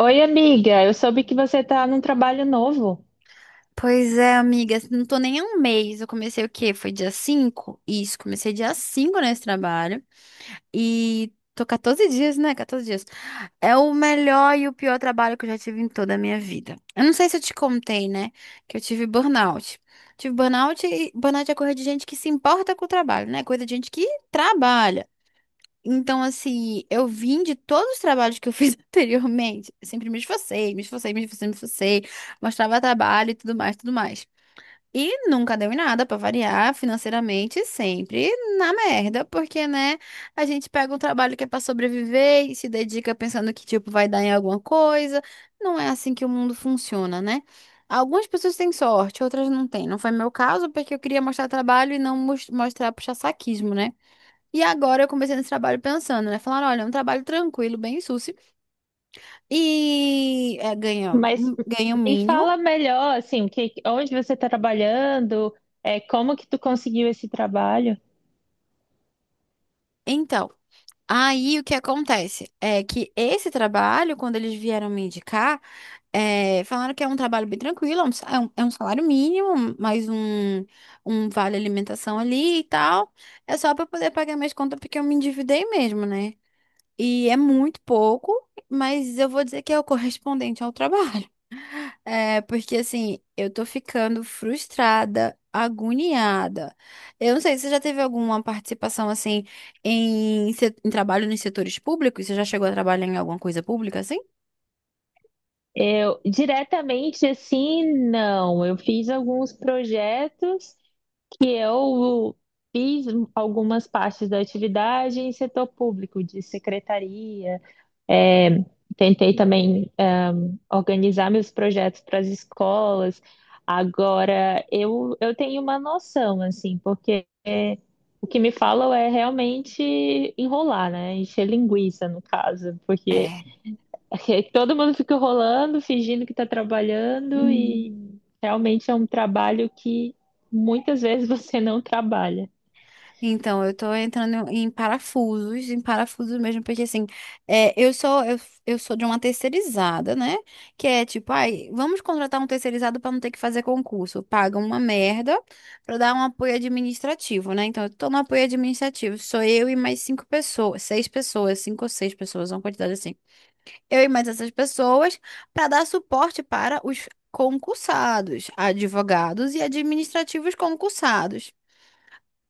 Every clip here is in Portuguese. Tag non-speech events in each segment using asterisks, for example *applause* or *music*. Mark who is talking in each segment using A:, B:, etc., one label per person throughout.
A: Oi, amiga, eu soube que você está num trabalho novo,
B: Pois é, amiga, assim, não tô nem há um mês. Eu comecei o quê? Foi dia cinco. Isso, comecei dia 5 nesse trabalho. E tô 14 dias, né? 14 dias. É o melhor e o pior trabalho que eu já tive em toda a minha vida. Eu não sei se eu te contei, né? Que eu tive burnout. Tive burnout, e burnout é coisa de gente que se importa com o trabalho, né? Coisa de gente que trabalha. Então, assim, eu vim de todos os trabalhos que eu fiz *laughs* anteriormente. Eu sempre me esforcei, me esforcei, me esforcei, me esforcei. Mostrava trabalho e tudo mais, tudo mais. E nunca deu em nada, pra variar financeiramente, sempre na merda, porque, né, a gente pega um trabalho que é pra sobreviver e se dedica pensando que, tipo, vai dar em alguma coisa. Não é assim que o mundo funciona, né? Algumas pessoas têm sorte, outras não têm. Não foi meu caso, porque eu queria mostrar trabalho e não mostrar puxa-saquismo, né? E agora eu comecei nesse trabalho pensando, né? Falaram, olha, é um trabalho tranquilo, bem sucio, e é, ganha,
A: mas
B: um, ganha o
A: me
B: mínimo.
A: fala melhor, assim, que, onde você está trabalhando, como que tu conseguiu esse trabalho?
B: Então. Aí o que acontece é que esse trabalho, quando eles vieram me indicar, falaram que é um trabalho bem tranquilo, é um, é um salário mínimo, mais um, um vale alimentação ali e tal. É só para poder pagar minhas contas porque eu me endividei mesmo, né? E é muito pouco, mas eu vou dizer que é o correspondente ao trabalho. É, porque assim, eu tô ficando frustrada, agoniada. Eu não sei, você já teve alguma participação assim em, em trabalho nos setores públicos? Você já chegou a trabalhar em alguma coisa pública assim?
A: Eu, diretamente, assim, não, eu fiz alguns projetos que eu fiz algumas partes da atividade em setor público, de secretaria, tentei também organizar meus projetos para as escolas. Agora, eu tenho uma noção, assim, porque é, o que me falam é realmente enrolar, né? Encher linguiça, no caso, porque
B: É.
A: *laughs* todo mundo fica enrolando, fingindo que está trabalhando, e
B: Hum.
A: realmente é um trabalho que muitas vezes *laughs* você não trabalha.
B: Então, eu tô entrando em parafusos mesmo, porque assim, eu sou de uma terceirizada, né? Que é tipo, ai, vamos contratar um terceirizado para não ter que fazer concurso. Paga uma merda para dar um apoio administrativo, né? Então, eu tô no apoio administrativo, sou eu e mais cinco pessoas, seis pessoas, cinco ou seis pessoas, uma quantidade assim. Eu e mais essas pessoas para dar suporte para os concursados, advogados e administrativos concursados.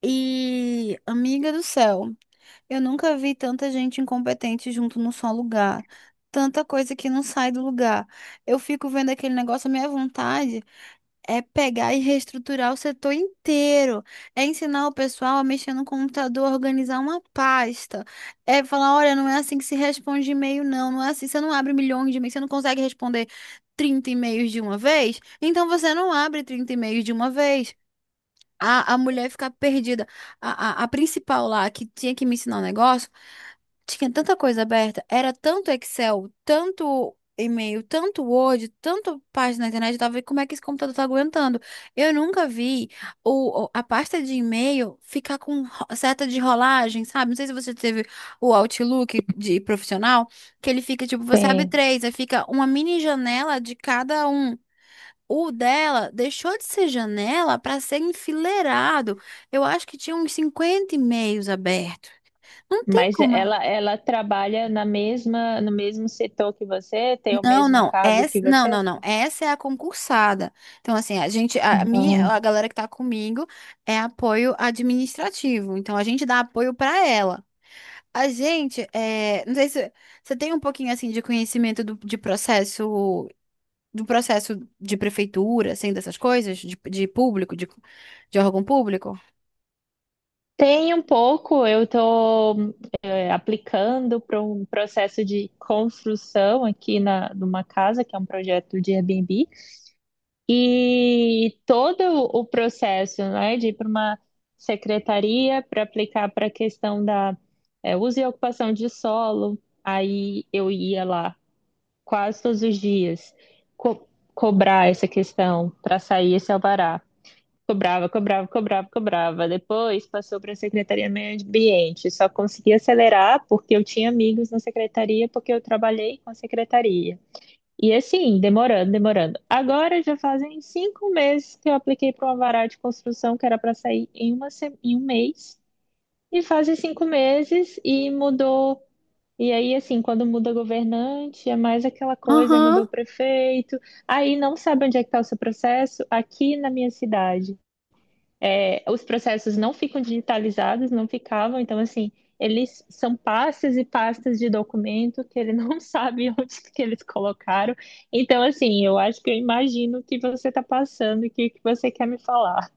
B: E, amiga do céu, eu nunca vi tanta gente incompetente junto num só lugar. Tanta coisa que não sai do lugar. Eu fico vendo aquele negócio, a minha vontade é pegar e reestruturar o setor inteiro. É ensinar o pessoal a mexer no computador, organizar uma pasta. É falar, olha, não é assim que se responde e-mail, não. Não é assim, você não abre milhões de e-mails, você não consegue responder 30 e-mails de uma vez, então você não abre 30 e-mails de uma vez. A mulher ficar perdida. A principal lá, que tinha que me ensinar um negócio, tinha tanta coisa aberta, era tanto Excel, tanto e-mail, tanto Word, tanto página na internet, eu tava vendo como é que esse computador tá aguentando. Eu nunca vi a pasta de e-mail ficar com seta de rolagem, sabe? Não sei se você teve o Outlook de profissional, que ele fica, tipo, você abre
A: Sim.
B: três, aí fica uma mini janela de cada um. O dela deixou de ser janela para ser enfileirado. Eu acho que tinha uns 50 e-mails abertos. Não tem
A: Mas
B: como ela.
A: ela trabalha na mesma, no mesmo setor que você, tem o
B: Não,
A: mesmo
B: não,
A: cargo
B: essa,
A: que
B: não,
A: você?
B: não, não. Essa é a concursada. Então, assim,
A: Ah,
B: a galera que tá comigo é apoio administrativo. Então, a gente dá apoio para ela. A gente, é, não sei se você tem um pouquinho assim de conhecimento de processo, do processo de prefeitura, assim, dessas coisas, de público, de órgão público.
A: tem um pouco. Eu estou aplicando para um processo de construção aqui na, numa casa, que é um projeto de Airbnb, e todo o processo, né, de ir para uma secretaria para aplicar para a questão da uso e ocupação de solo. Aí eu ia lá quase todos os dias co- cobrar essa questão para sair esse alvará. Cobrava, cobrava, cobrava, cobrava. Depois passou para a Secretaria do Meio Ambiente. Só consegui acelerar porque eu tinha amigos na secretaria, porque eu trabalhei com a secretaria. E assim, demorando, demorando. Agora já fazem 5 meses que eu apliquei para uma vara de construção que era para sair em, uma, em 1 mês. E fazem 5 meses e mudou. E aí, assim, quando muda governante, é mais aquela coisa, aí mudou o
B: Aham.
A: prefeito. Aí não sabe onde é que está o seu processo. Aqui na minha cidade. É, os processos não ficam digitalizados, não ficavam, então assim, eles são pastas e pastas de documento que ele *laughs* não sabe onde que eles colocaram. Então, assim, eu acho que eu imagino o que você está passando e o que, que você quer me falar.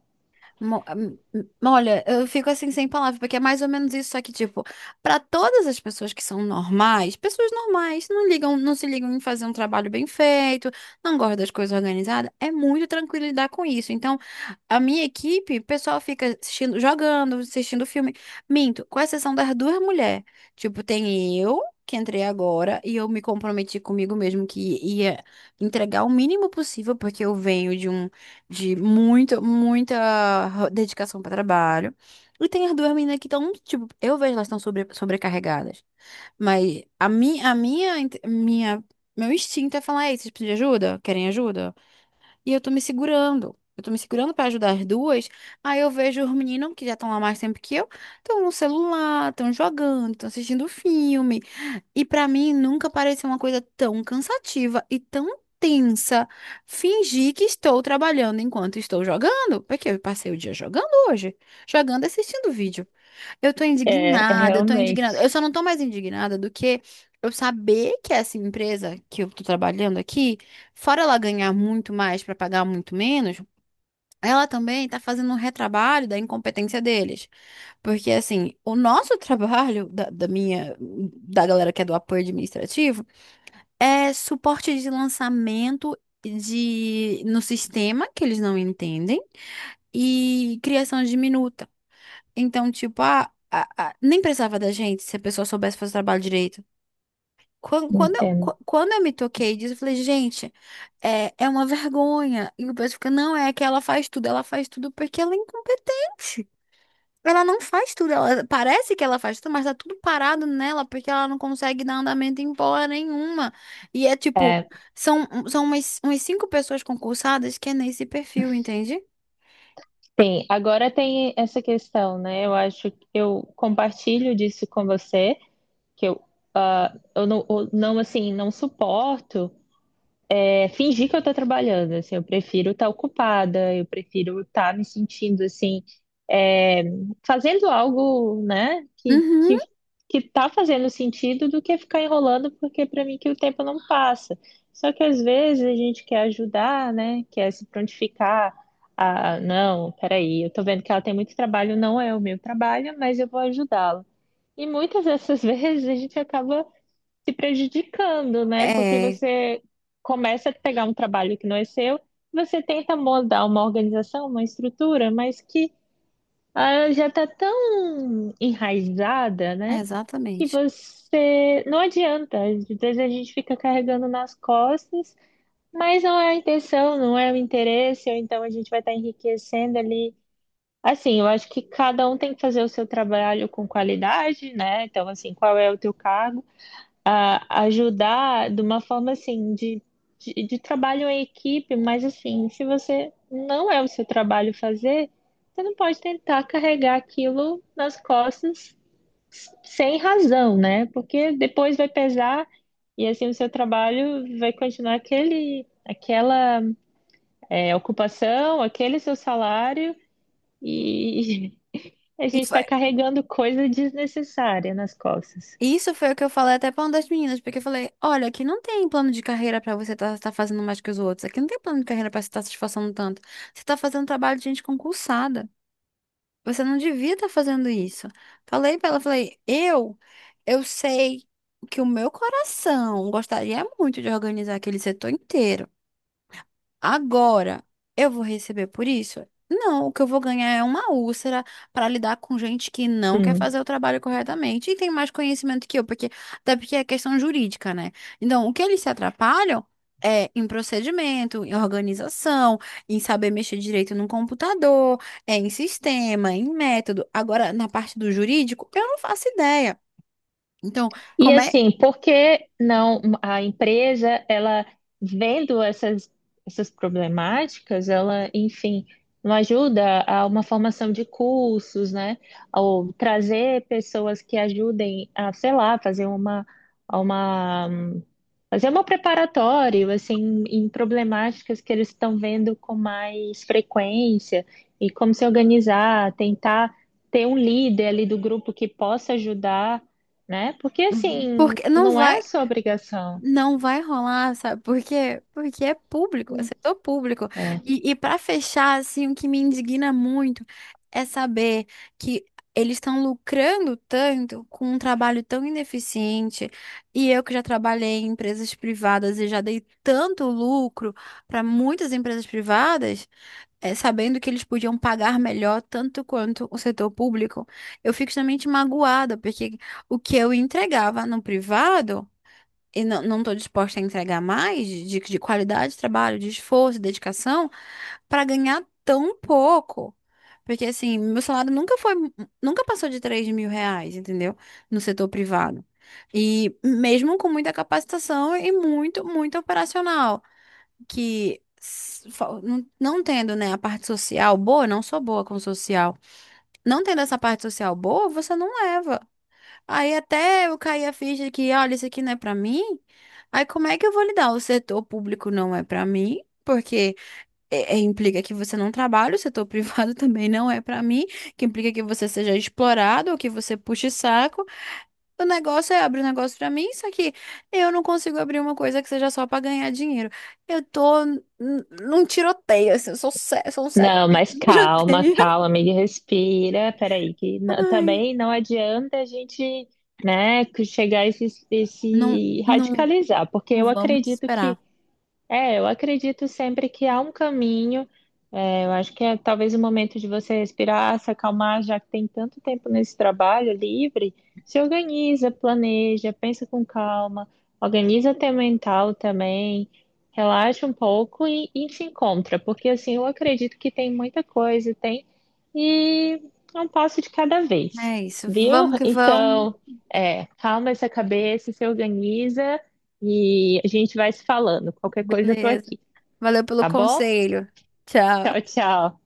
B: Olha, eu fico assim sem palavras, porque é mais ou menos isso, só que, tipo, pra todas as pessoas que são normais, pessoas normais não ligam, não se ligam em fazer um trabalho bem feito, não gostam das coisas organizadas, é muito tranquilo lidar com isso. Então, a minha equipe, o pessoal fica assistindo, jogando, assistindo filme. Minto, com exceção das duas mulheres. Tipo, tem eu, que entrei agora, e eu me comprometi comigo mesmo que ia entregar o mínimo possível, porque eu venho de um. De muito, muita dedicação para trabalho. E tem as duas meninas que estão, tipo, eu vejo elas estão sobrecarregadas. Mas meu instinto é falar, ei, vocês precisam de ajuda? Querem ajuda? E eu tô me segurando. Eu tô me segurando pra ajudar as duas. Aí eu vejo os meninos que já estão lá mais tempo que eu, estão no celular, estão jogando, estão assistindo filme. E pra mim nunca pareceu uma coisa tão cansativa e tão tensa fingir que estou trabalhando enquanto estou jogando, porque eu passei o dia jogando hoje, jogando e assistindo vídeo. Eu tô
A: É, é
B: indignada, eu tô indignada. Eu
A: realmente,
B: só não tô mais indignada do que eu saber que essa empresa que eu tô trabalhando aqui, fora ela ganhar muito mais para pagar muito menos, ela também está fazendo um retrabalho da incompetência deles. Porque, assim, o nosso *laughs* trabalho, da minha, da galera que é do apoio administrativo, é suporte de lançamento de, no sistema, que eles não entendem, e criação de minuta. Então, tipo, nem precisava da gente se a pessoa soubesse fazer o trabalho direito.
A: entendo.
B: Quando eu me toquei disso, eu falei, gente, é, é uma vergonha. E o pessoal fica, não, é que ela faz tudo porque ela é incompetente. Ela não faz tudo, ela parece que ela faz tudo, mas tá tudo parado nela porque ela não consegue dar andamento em porra nenhuma. E é tipo,
A: É,
B: são umas cinco pessoas concursadas que é nesse perfil, entende?
A: tem, agora tem essa questão, né? Eu acho que eu compartilho disso com você, que eu, ah, eu não, assim, não suporto fingir que eu tô trabalhando. Assim, eu prefiro estar ocupada, eu prefiro estar me sentindo, assim, é, fazendo algo, né,
B: Uhum.
A: que tá fazendo sentido, do que ficar enrolando, porque para mim que o tempo não passa. Só que às vezes a gente quer ajudar, né, quer se prontificar, ah, não, peraí, eu tô vendo que ela tem muito trabalho, não é o meu trabalho, mas eu vou ajudá-la. E muitas dessas *laughs* vezes a gente acaba se prejudicando, né? Porque
B: É,
A: você começa a pegar um trabalho que não é seu, você tenta moldar uma organização, uma estrutura, mas que ah, já está tão enraizada, né? Que
B: exatamente.
A: você não adianta. Às vezes a gente fica carregando nas costas, mas não é a intenção, não é o interesse, ou então a gente vai estar enriquecendo ali. Assim, eu acho que cada um tem que fazer o seu trabalho com qualidade, né? Então, assim, qual é o teu cargo? A ajudar de uma forma assim de, de trabalho em equipe, mas assim, se você não é o seu trabalho fazer, você não pode tentar carregar aquilo nas costas sem razão, né? Porque depois vai pesar, e assim o seu trabalho vai continuar aquele, aquela ocupação, aquele seu salário, e *laughs* a
B: E
A: gente está
B: foi
A: carregando coisa desnecessária nas costas.
B: Isso foi o que eu falei até pra uma das meninas, porque eu falei, olha, aqui não tem plano de carreira pra você estar fazendo mais que os outros. Aqui não tem plano de carreira pra você estar se esforçando tanto. Você tá fazendo trabalho de gente concursada. Você não devia estar fazendo isso. Falei pra ela, falei, eu sei que o meu coração gostaria muito de organizar aquele setor inteiro. Agora, eu vou receber por isso? Não, o que eu vou ganhar é uma úlcera para lidar com gente que não quer
A: Hum.
B: fazer o trabalho corretamente e tem mais conhecimento que eu, porque até porque é questão jurídica, né? Então, o que eles se atrapalham é em procedimento, em organização, em saber mexer direito no computador, é em sistema, em método. Agora, na parte do jurídico, eu não faço ideia. Então,
A: E
B: como é?
A: assim, por que não a empresa, ela vendo essas, essas problemáticas, ela, enfim, não ajuda a uma formação de cursos, né? Ou trazer pessoas que ajudem a, sei lá, fazer uma fazer um preparatório, assim, em problemáticas que eles estão vendo com mais frequência, e como se organizar, tentar ter um líder ali do grupo que possa ajudar, né? Porque, assim,
B: Porque não
A: não é
B: vai.
A: a sua obrigação.
B: Não vai rolar, sabe por quê? Porque é público, é
A: Não,
B: setor público.
A: é.
B: E para fechar, assim, o que me indigna muito é saber que eles estão lucrando tanto com um trabalho tão ineficiente. E eu que já trabalhei em empresas privadas e já dei tanto lucro para muitas empresas privadas, é, sabendo que eles podiam pagar melhor tanto quanto o setor público, eu fico extremamente magoada, porque o que eu entregava no privado e não, não tô disposta a entregar mais de qualidade de trabalho, de esforço, de dedicação, para ganhar tão pouco. Porque assim, meu salário nunca foi, nunca passou de R$ 3.000, entendeu? No setor privado. E mesmo com muita capacitação e muito, muito operacional, que não, não tendo, né, a parte social boa, não sou boa com social. Não tendo essa parte social boa, você não leva. Aí até eu caí a ficha que, olha, isso aqui não é pra mim. Aí como é que eu vou lidar? O setor público não é pra mim, porque implica que você não trabalha, o setor *laughs* privado também não é pra mim, que implica que você seja explorado ou que você puxe saco. O negócio é abrir um negócio pra mim, só que eu não consigo abrir uma coisa que seja só pra ganhar dinheiro. Eu tô num tiroteio, assim, eu sou, sou um cego,
A: Não, mas
B: *laughs*
A: calma,
B: tiroteio.
A: calma, amiga, respira. Peraí, que
B: Ai,
A: também não adianta a gente, né, que chegar e
B: não,
A: se
B: não,
A: radicalizar, porque
B: não
A: eu
B: vamos
A: acredito que...
B: desesperar.
A: É, eu acredito sempre que há um caminho. É, eu acho que é talvez o momento de você respirar, se acalmar, já que tem tanto tempo nesse trabalho livre. Se organiza, planeja, pensa com calma, organiza teu mental também, relaxa um pouco e se encontra, porque assim eu acredito que tem muita coisa, tem, e é um passo de cada vez,
B: É isso.
A: viu?
B: Vamos que vamos.
A: Então, é, calma essa cabeça, se organiza. E a gente vai se falando. Qualquer coisa eu tô
B: Beleza.
A: aqui,
B: Valeu pelo
A: tá bom?
B: conselho.
A: Tchau,
B: Tchau.
A: tchau.